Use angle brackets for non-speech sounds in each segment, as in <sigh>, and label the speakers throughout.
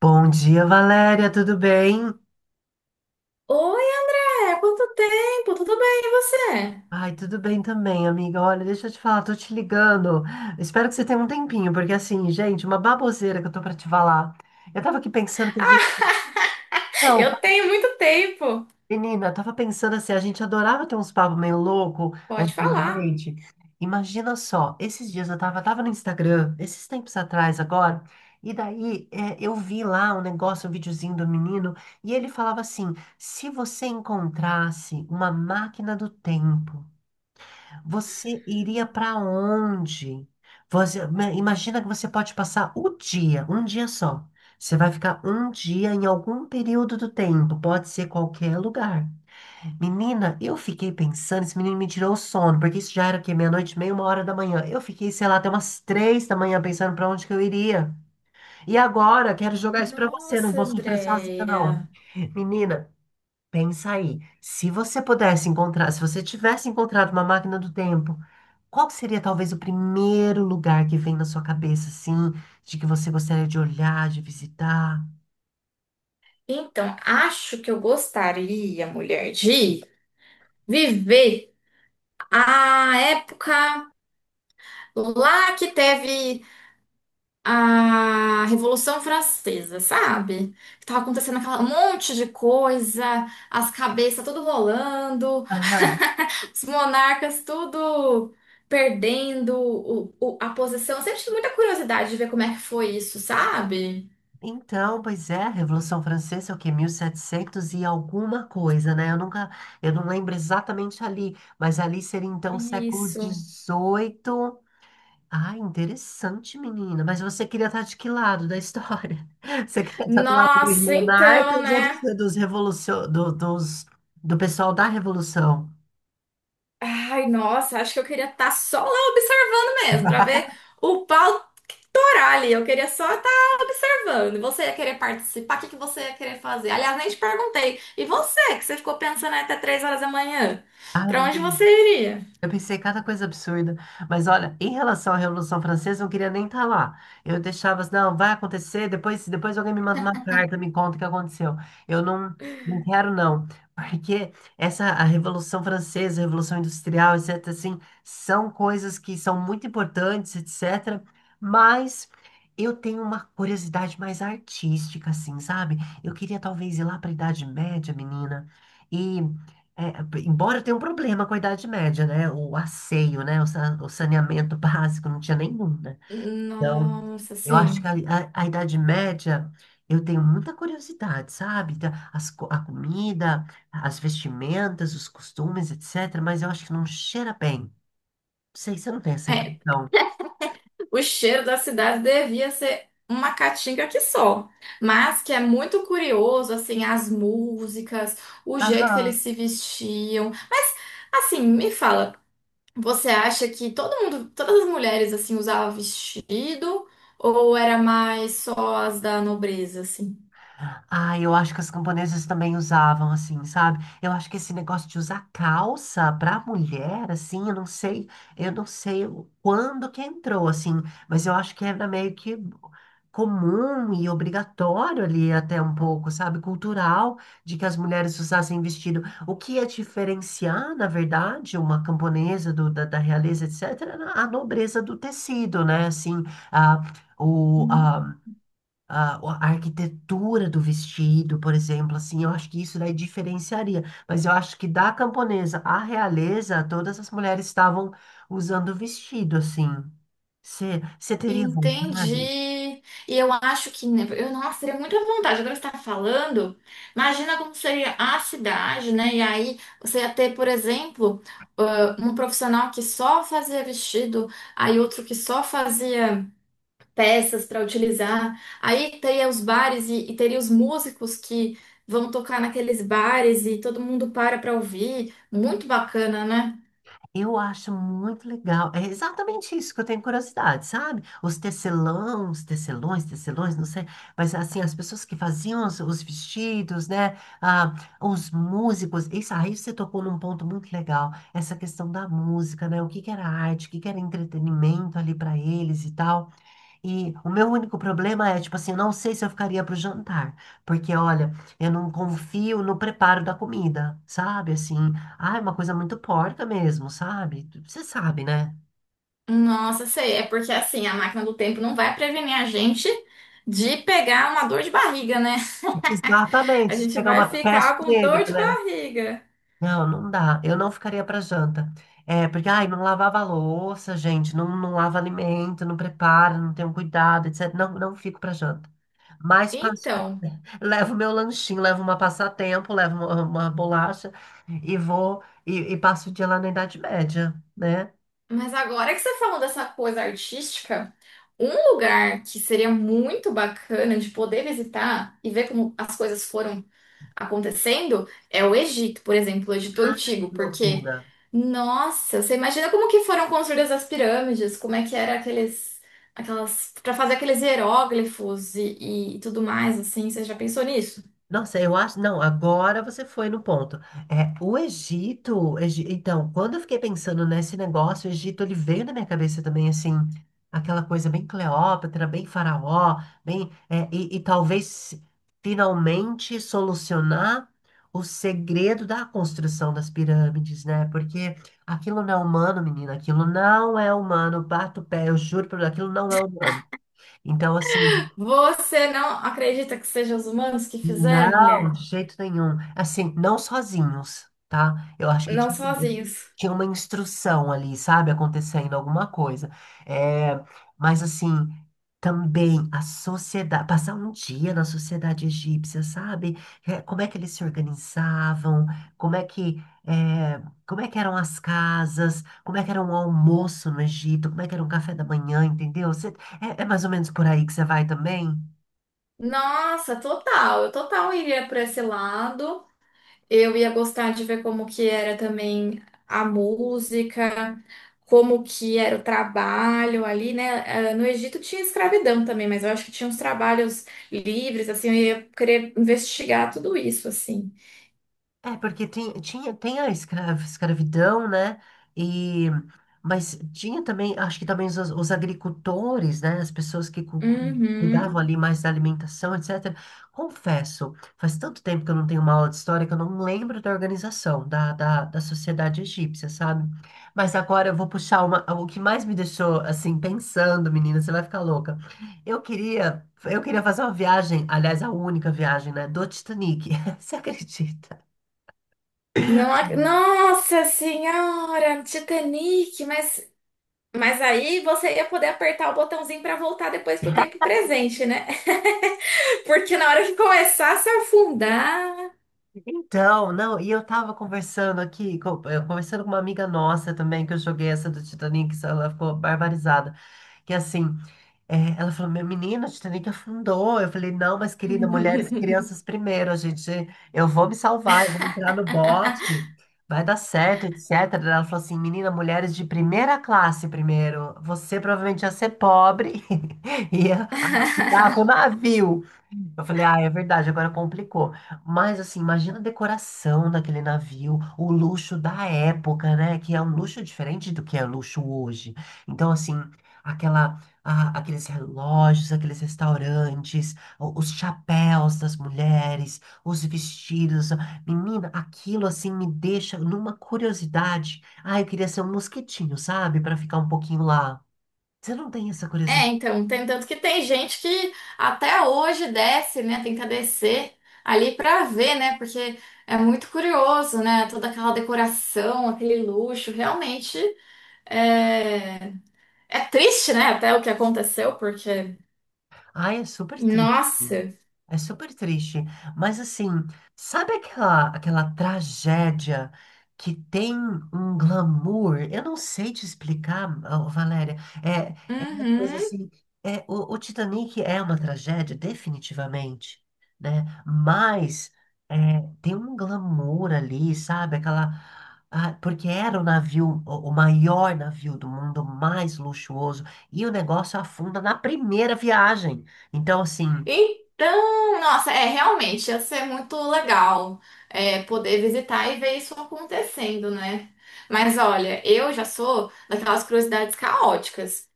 Speaker 1: Bom dia, Valéria, tudo bem?
Speaker 2: Oi, André, quanto tempo? Tudo bem, e você?
Speaker 1: Ai, tudo bem também, amiga. Olha, deixa eu te falar, tô te ligando. Espero que você tenha um tempinho, porque assim, gente, uma baboseira que eu tô pra te falar. Eu tava aqui pensando que
Speaker 2: Ah,
Speaker 1: a gente.
Speaker 2: <laughs>
Speaker 1: Não,
Speaker 2: eu tenho muito tempo.
Speaker 1: menina, eu tava pensando assim, a gente adorava ter uns papos meio louco
Speaker 2: Pode falar.
Speaker 1: antigamente. Imagina só, esses dias eu tava, no Instagram, esses tempos atrás agora, e daí eu vi lá um negócio, um videozinho do menino, e ele falava assim: se você encontrasse uma máquina do tempo, você iria pra onde? Você, imagina que você pode passar o dia, um dia só. Você vai ficar um dia em algum período do tempo, pode ser qualquer lugar. Menina, eu fiquei pensando, esse menino me tirou o sono, porque isso já era o quê? Meia-noite, e meia, 1 hora da manhã. Eu fiquei, sei lá, até umas 3 da manhã pensando pra onde que eu iria. E agora, quero jogar isso pra você, não
Speaker 2: Nossa,
Speaker 1: vou sofrer sozinha, não.
Speaker 2: Andréia.
Speaker 1: Menina, pensa aí. Se você pudesse encontrar, se você tivesse encontrado uma máquina do tempo, qual que seria talvez o primeiro lugar que vem na sua cabeça, assim, de que você gostaria de olhar, de visitar?
Speaker 2: Então, acho que eu gostaria, mulher, de viver a época lá que teve a Revolução Francesa, sabe? Que tava acontecendo aquela um monte de coisa, as cabeças tudo rolando, <laughs> os monarcas tudo perdendo a posição. Eu sempre tive muita curiosidade de ver como é que foi isso, sabe?
Speaker 1: Então, pois é, a Revolução Francesa é o quê? 1700 e setecentos e alguma coisa, né? Eu nunca, eu não lembro exatamente ali, mas ali seria então século
Speaker 2: Isso.
Speaker 1: XVIII. Ah, interessante, menina. Mas você queria estar de que lado da história? <laughs> Você queria estar do lado dos
Speaker 2: Nossa, então,
Speaker 1: monarcas ou dos,
Speaker 2: né?
Speaker 1: dos do pessoal da Revolução?
Speaker 2: Ai, nossa, acho que eu queria estar só lá observando mesmo, pra ver o pau torar ali. Eu queria só estar observando. Você ia querer participar? O que que você ia querer fazer? Aliás, nem te perguntei. E você, que você ficou pensando aí até 3 horas da manhã?
Speaker 1: Ai,
Speaker 2: Pra onde
Speaker 1: menina.
Speaker 2: você iria?
Speaker 1: Eu pensei cada coisa absurda, mas olha, em relação à Revolução Francesa, eu não queria nem estar lá. Eu deixava assim, não, vai acontecer, depois, depois alguém me manda uma carta, me conta o que aconteceu. Eu não, não quero, não. <laughs> Porque a Revolução Francesa, a Revolução Industrial, etc., assim, são coisas que são muito importantes, etc., mas eu tenho uma curiosidade mais artística, assim, sabe? Eu queria talvez ir lá para a Idade Média, menina, e embora tenha um problema com a Idade Média, né? O asseio, né? O saneamento <laughs> básico não tinha nenhum, né? Então,
Speaker 2: Nossa,
Speaker 1: eu acho
Speaker 2: sim.
Speaker 1: que a Idade Média, eu tenho muita curiosidade, sabe? A comida, as vestimentas, os costumes, etc. Mas eu acho que não cheira bem. Não sei, você não tem essa
Speaker 2: É,
Speaker 1: impressão?
Speaker 2: o cheiro da cidade devia ser uma caatinga que só. Mas que é muito curioso, assim, as músicas, o jeito que eles
Speaker 1: Aham.
Speaker 2: se vestiam. Mas, assim, me fala. Você acha que todo mundo, todas as mulheres assim usavam vestido ou era mais só as da nobreza assim?
Speaker 1: Ah, eu acho que as camponesas também usavam, assim, sabe? Eu acho que esse negócio de usar calça pra mulher, assim, eu não sei quando que entrou, assim, mas eu acho que era meio que comum e obrigatório ali até um pouco, sabe? Cultural, de que as mulheres usassem vestido. O que ia diferenciar, na verdade, uma camponesa da realeza, etc., era a nobreza do tecido, né? Assim, a, o,
Speaker 2: Hum.
Speaker 1: a a arquitetura do vestido, por exemplo, assim, eu acho que isso daí diferenciaria. Mas eu acho que da camponesa à realeza, todas as mulheres estavam usando vestido, assim. Você teria
Speaker 2: Entendi.
Speaker 1: vontade?
Speaker 2: E eu acho que, né, eu, nossa, teria muita vontade. Agora você está falando, imagina como seria a cidade, né? E aí você ia ter, por exemplo, ah, um profissional que só fazia vestido, aí outro que só fazia. Peças para utilizar. Aí teria os bares e teria os músicos que vão tocar naqueles bares e todo mundo para ouvir. Muito bacana, né?
Speaker 1: Eu acho muito legal. É exatamente isso que eu tenho curiosidade, sabe? Os tecelões, não sei, mas assim, as pessoas que faziam os vestidos, né? Ah, os músicos. Isso aí você tocou num ponto muito legal, essa questão da música, né? O que que era arte, o que que era entretenimento ali para eles e tal. E o meu único problema é, tipo assim, eu não sei se eu ficaria pro jantar, porque olha, eu não confio no preparo da comida, sabe? Assim, ah, é uma coisa muito porca mesmo, sabe? Você sabe, né?
Speaker 2: Nossa, sei, é porque assim, a máquina do tempo não vai prevenir a gente de pegar uma dor de barriga, né? <laughs> A
Speaker 1: Exatamente, de
Speaker 2: gente
Speaker 1: pegar
Speaker 2: vai
Speaker 1: uma peste
Speaker 2: ficar com
Speaker 1: negra,
Speaker 2: dor de
Speaker 1: né?
Speaker 2: barriga.
Speaker 1: Não, não dá. Eu não ficaria pra janta. É, porque, ai, não lavava a louça, gente, não, não lava alimento, não prepara, não tem um cuidado, etc. Não, não fico pra janta. Mas
Speaker 2: Então,
Speaker 1: levo meu lanchinho, levo uma passatempo, levo uma bolacha e vou e passo o dia lá na Idade Média, né?
Speaker 2: mas agora que você falou dessa coisa artística, um lugar que seria muito bacana de poder visitar e ver como as coisas foram acontecendo é o Egito, por exemplo, o Egito
Speaker 1: Ai,
Speaker 2: Antigo,
Speaker 1: que
Speaker 2: porque,
Speaker 1: loucura.
Speaker 2: nossa, você imagina como que foram construídas as pirâmides, como é que era aqueles, aquelas, para fazer aqueles hieróglifos e tudo mais, assim, você já pensou nisso?
Speaker 1: Nossa, eu acho. Não, agora você foi no ponto. É, o Egito, então, quando eu fiquei pensando nesse negócio, o Egito, ele veio na minha cabeça também, assim, aquela coisa bem Cleópatra, bem faraó, bem. E talvez finalmente solucionar o segredo da construção das pirâmides, né? Porque aquilo não é humano, menina, aquilo não é humano. Bato o pé, eu juro por Deus, aquilo não é humano. Então, assim.
Speaker 2: Você não acredita que sejam os humanos que fizeram,
Speaker 1: Não,
Speaker 2: mulher?
Speaker 1: de jeito nenhum. Assim, não sozinhos, tá? Eu acho que
Speaker 2: Não
Speaker 1: ti-
Speaker 2: sozinhos.
Speaker 1: tinha uma instrução ali, sabe? Acontecendo alguma coisa. É, mas assim, também a sociedade, passar um dia na sociedade egípcia, sabe? É, como é que eles se organizavam? Como é que, é, como é que eram as casas? Como é que era o almoço no Egito? Como é que era o café da manhã, entendeu? É mais ou menos por aí que você vai também?
Speaker 2: Nossa, total, eu total iria por esse lado. Eu ia gostar de ver como que era também a música, como que era o trabalho ali, né? Ah, no Egito tinha escravidão também, mas eu acho que tinha uns trabalhos livres, assim, eu ia querer investigar tudo isso, assim.
Speaker 1: É, porque tem, tinha, tem a escravidão, né? E, mas tinha também, acho que também os agricultores, né? As pessoas que cuidavam
Speaker 2: Uhum.
Speaker 1: ali mais da alimentação, etc. Confesso, faz tanto tempo que eu não tenho uma aula de história que eu não lembro da organização, da sociedade egípcia, sabe? Mas agora eu vou puxar uma, o que mais me deixou, assim, pensando, menina, você vai ficar louca. Eu queria fazer uma viagem, aliás, a única viagem, né? Do Titanic. <laughs> Você acredita?
Speaker 2: Não, nossa senhora, Titanic, mas aí você ia poder apertar o botãozinho para voltar depois pro tempo presente, né? <laughs> Porque na hora que começasse a afundar.
Speaker 1: Então, não, e eu tava conversando aqui, conversando com uma amiga nossa também, que eu joguei essa do Titanic, ela ficou barbarizada. Que assim, ela falou, meu menino, o Titanic afundou. Eu falei, não, mas querida, mulheres e crianças primeiro, a gente, eu vou me salvar, eu vou entrar no
Speaker 2: <laughs>
Speaker 1: bote, vai dar certo, etc. Ela falou assim, menina, mulheres de primeira classe primeiro, você provavelmente ia ser pobre <laughs> e ia afundar com o navio. Eu falei, ah, é verdade, agora complicou. Mas assim, imagina a decoração daquele navio, o luxo da época, né? Que é um luxo diferente do que é luxo hoje. Então, assim, aqueles relógios, aqueles restaurantes, os chapéus das mulheres, os vestidos. Menina, aquilo assim me deixa numa curiosidade. Ah, eu queria ser um mosquitinho, sabe? Pra ficar um pouquinho lá. Você não tem essa
Speaker 2: É,
Speaker 1: curiosidade?
Speaker 2: então, tem tanto que tem gente que até hoje desce, né? Tenta descer ali pra ver, né? Porque é muito curioso, né? Toda aquela decoração, aquele luxo, realmente é, é triste, né? Até o que aconteceu, porque
Speaker 1: Ah, é super triste.
Speaker 2: nossa.
Speaker 1: É super triste, mas assim, sabe aquela, aquela tragédia que tem um glamour? Eu não sei te explicar, ô, Valéria. É, é uma coisa
Speaker 2: Uhum.
Speaker 1: assim. É, o Titanic é uma tragédia, definitivamente, né? Mas é, tem um glamour ali, sabe? Aquela. Porque era o navio, o maior navio do mundo, o mais luxuoso, e o negócio afunda na primeira viagem. Então, assim.
Speaker 2: Então, nossa, é realmente ia ser muito legal é, poder visitar e ver isso acontecendo, né? Mas olha, eu já sou daquelas curiosidades caóticas.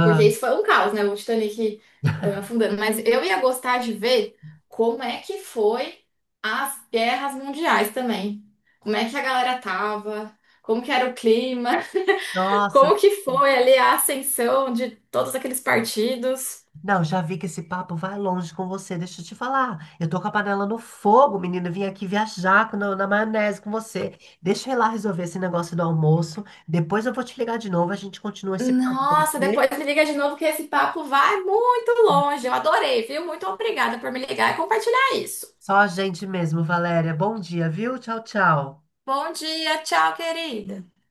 Speaker 2: Porque isso foi um caos, né? O Titanic afundando. Mas eu ia gostar de ver como é que foi as guerras mundiais também. Como é que a galera tava, como que era o clima, <laughs>
Speaker 1: Nossa,
Speaker 2: como que foi ali a ascensão de todos aqueles partidos.
Speaker 1: não, já vi que esse papo vai longe com você. Deixa eu te falar. Eu tô com a panela no fogo, menina. Vim aqui viajar na maionese com você. Deixa eu ir lá resolver esse negócio do almoço. Depois eu vou te ligar de novo. A gente continua esse papo, pode
Speaker 2: Nossa, depois
Speaker 1: ser?
Speaker 2: me liga de novo que esse papo vai muito longe. Eu adorei, viu? Muito obrigada por me ligar e compartilhar isso.
Speaker 1: Só a gente mesmo, Valéria. Bom dia, viu? Tchau, tchau.
Speaker 2: Bom dia, tchau, querida.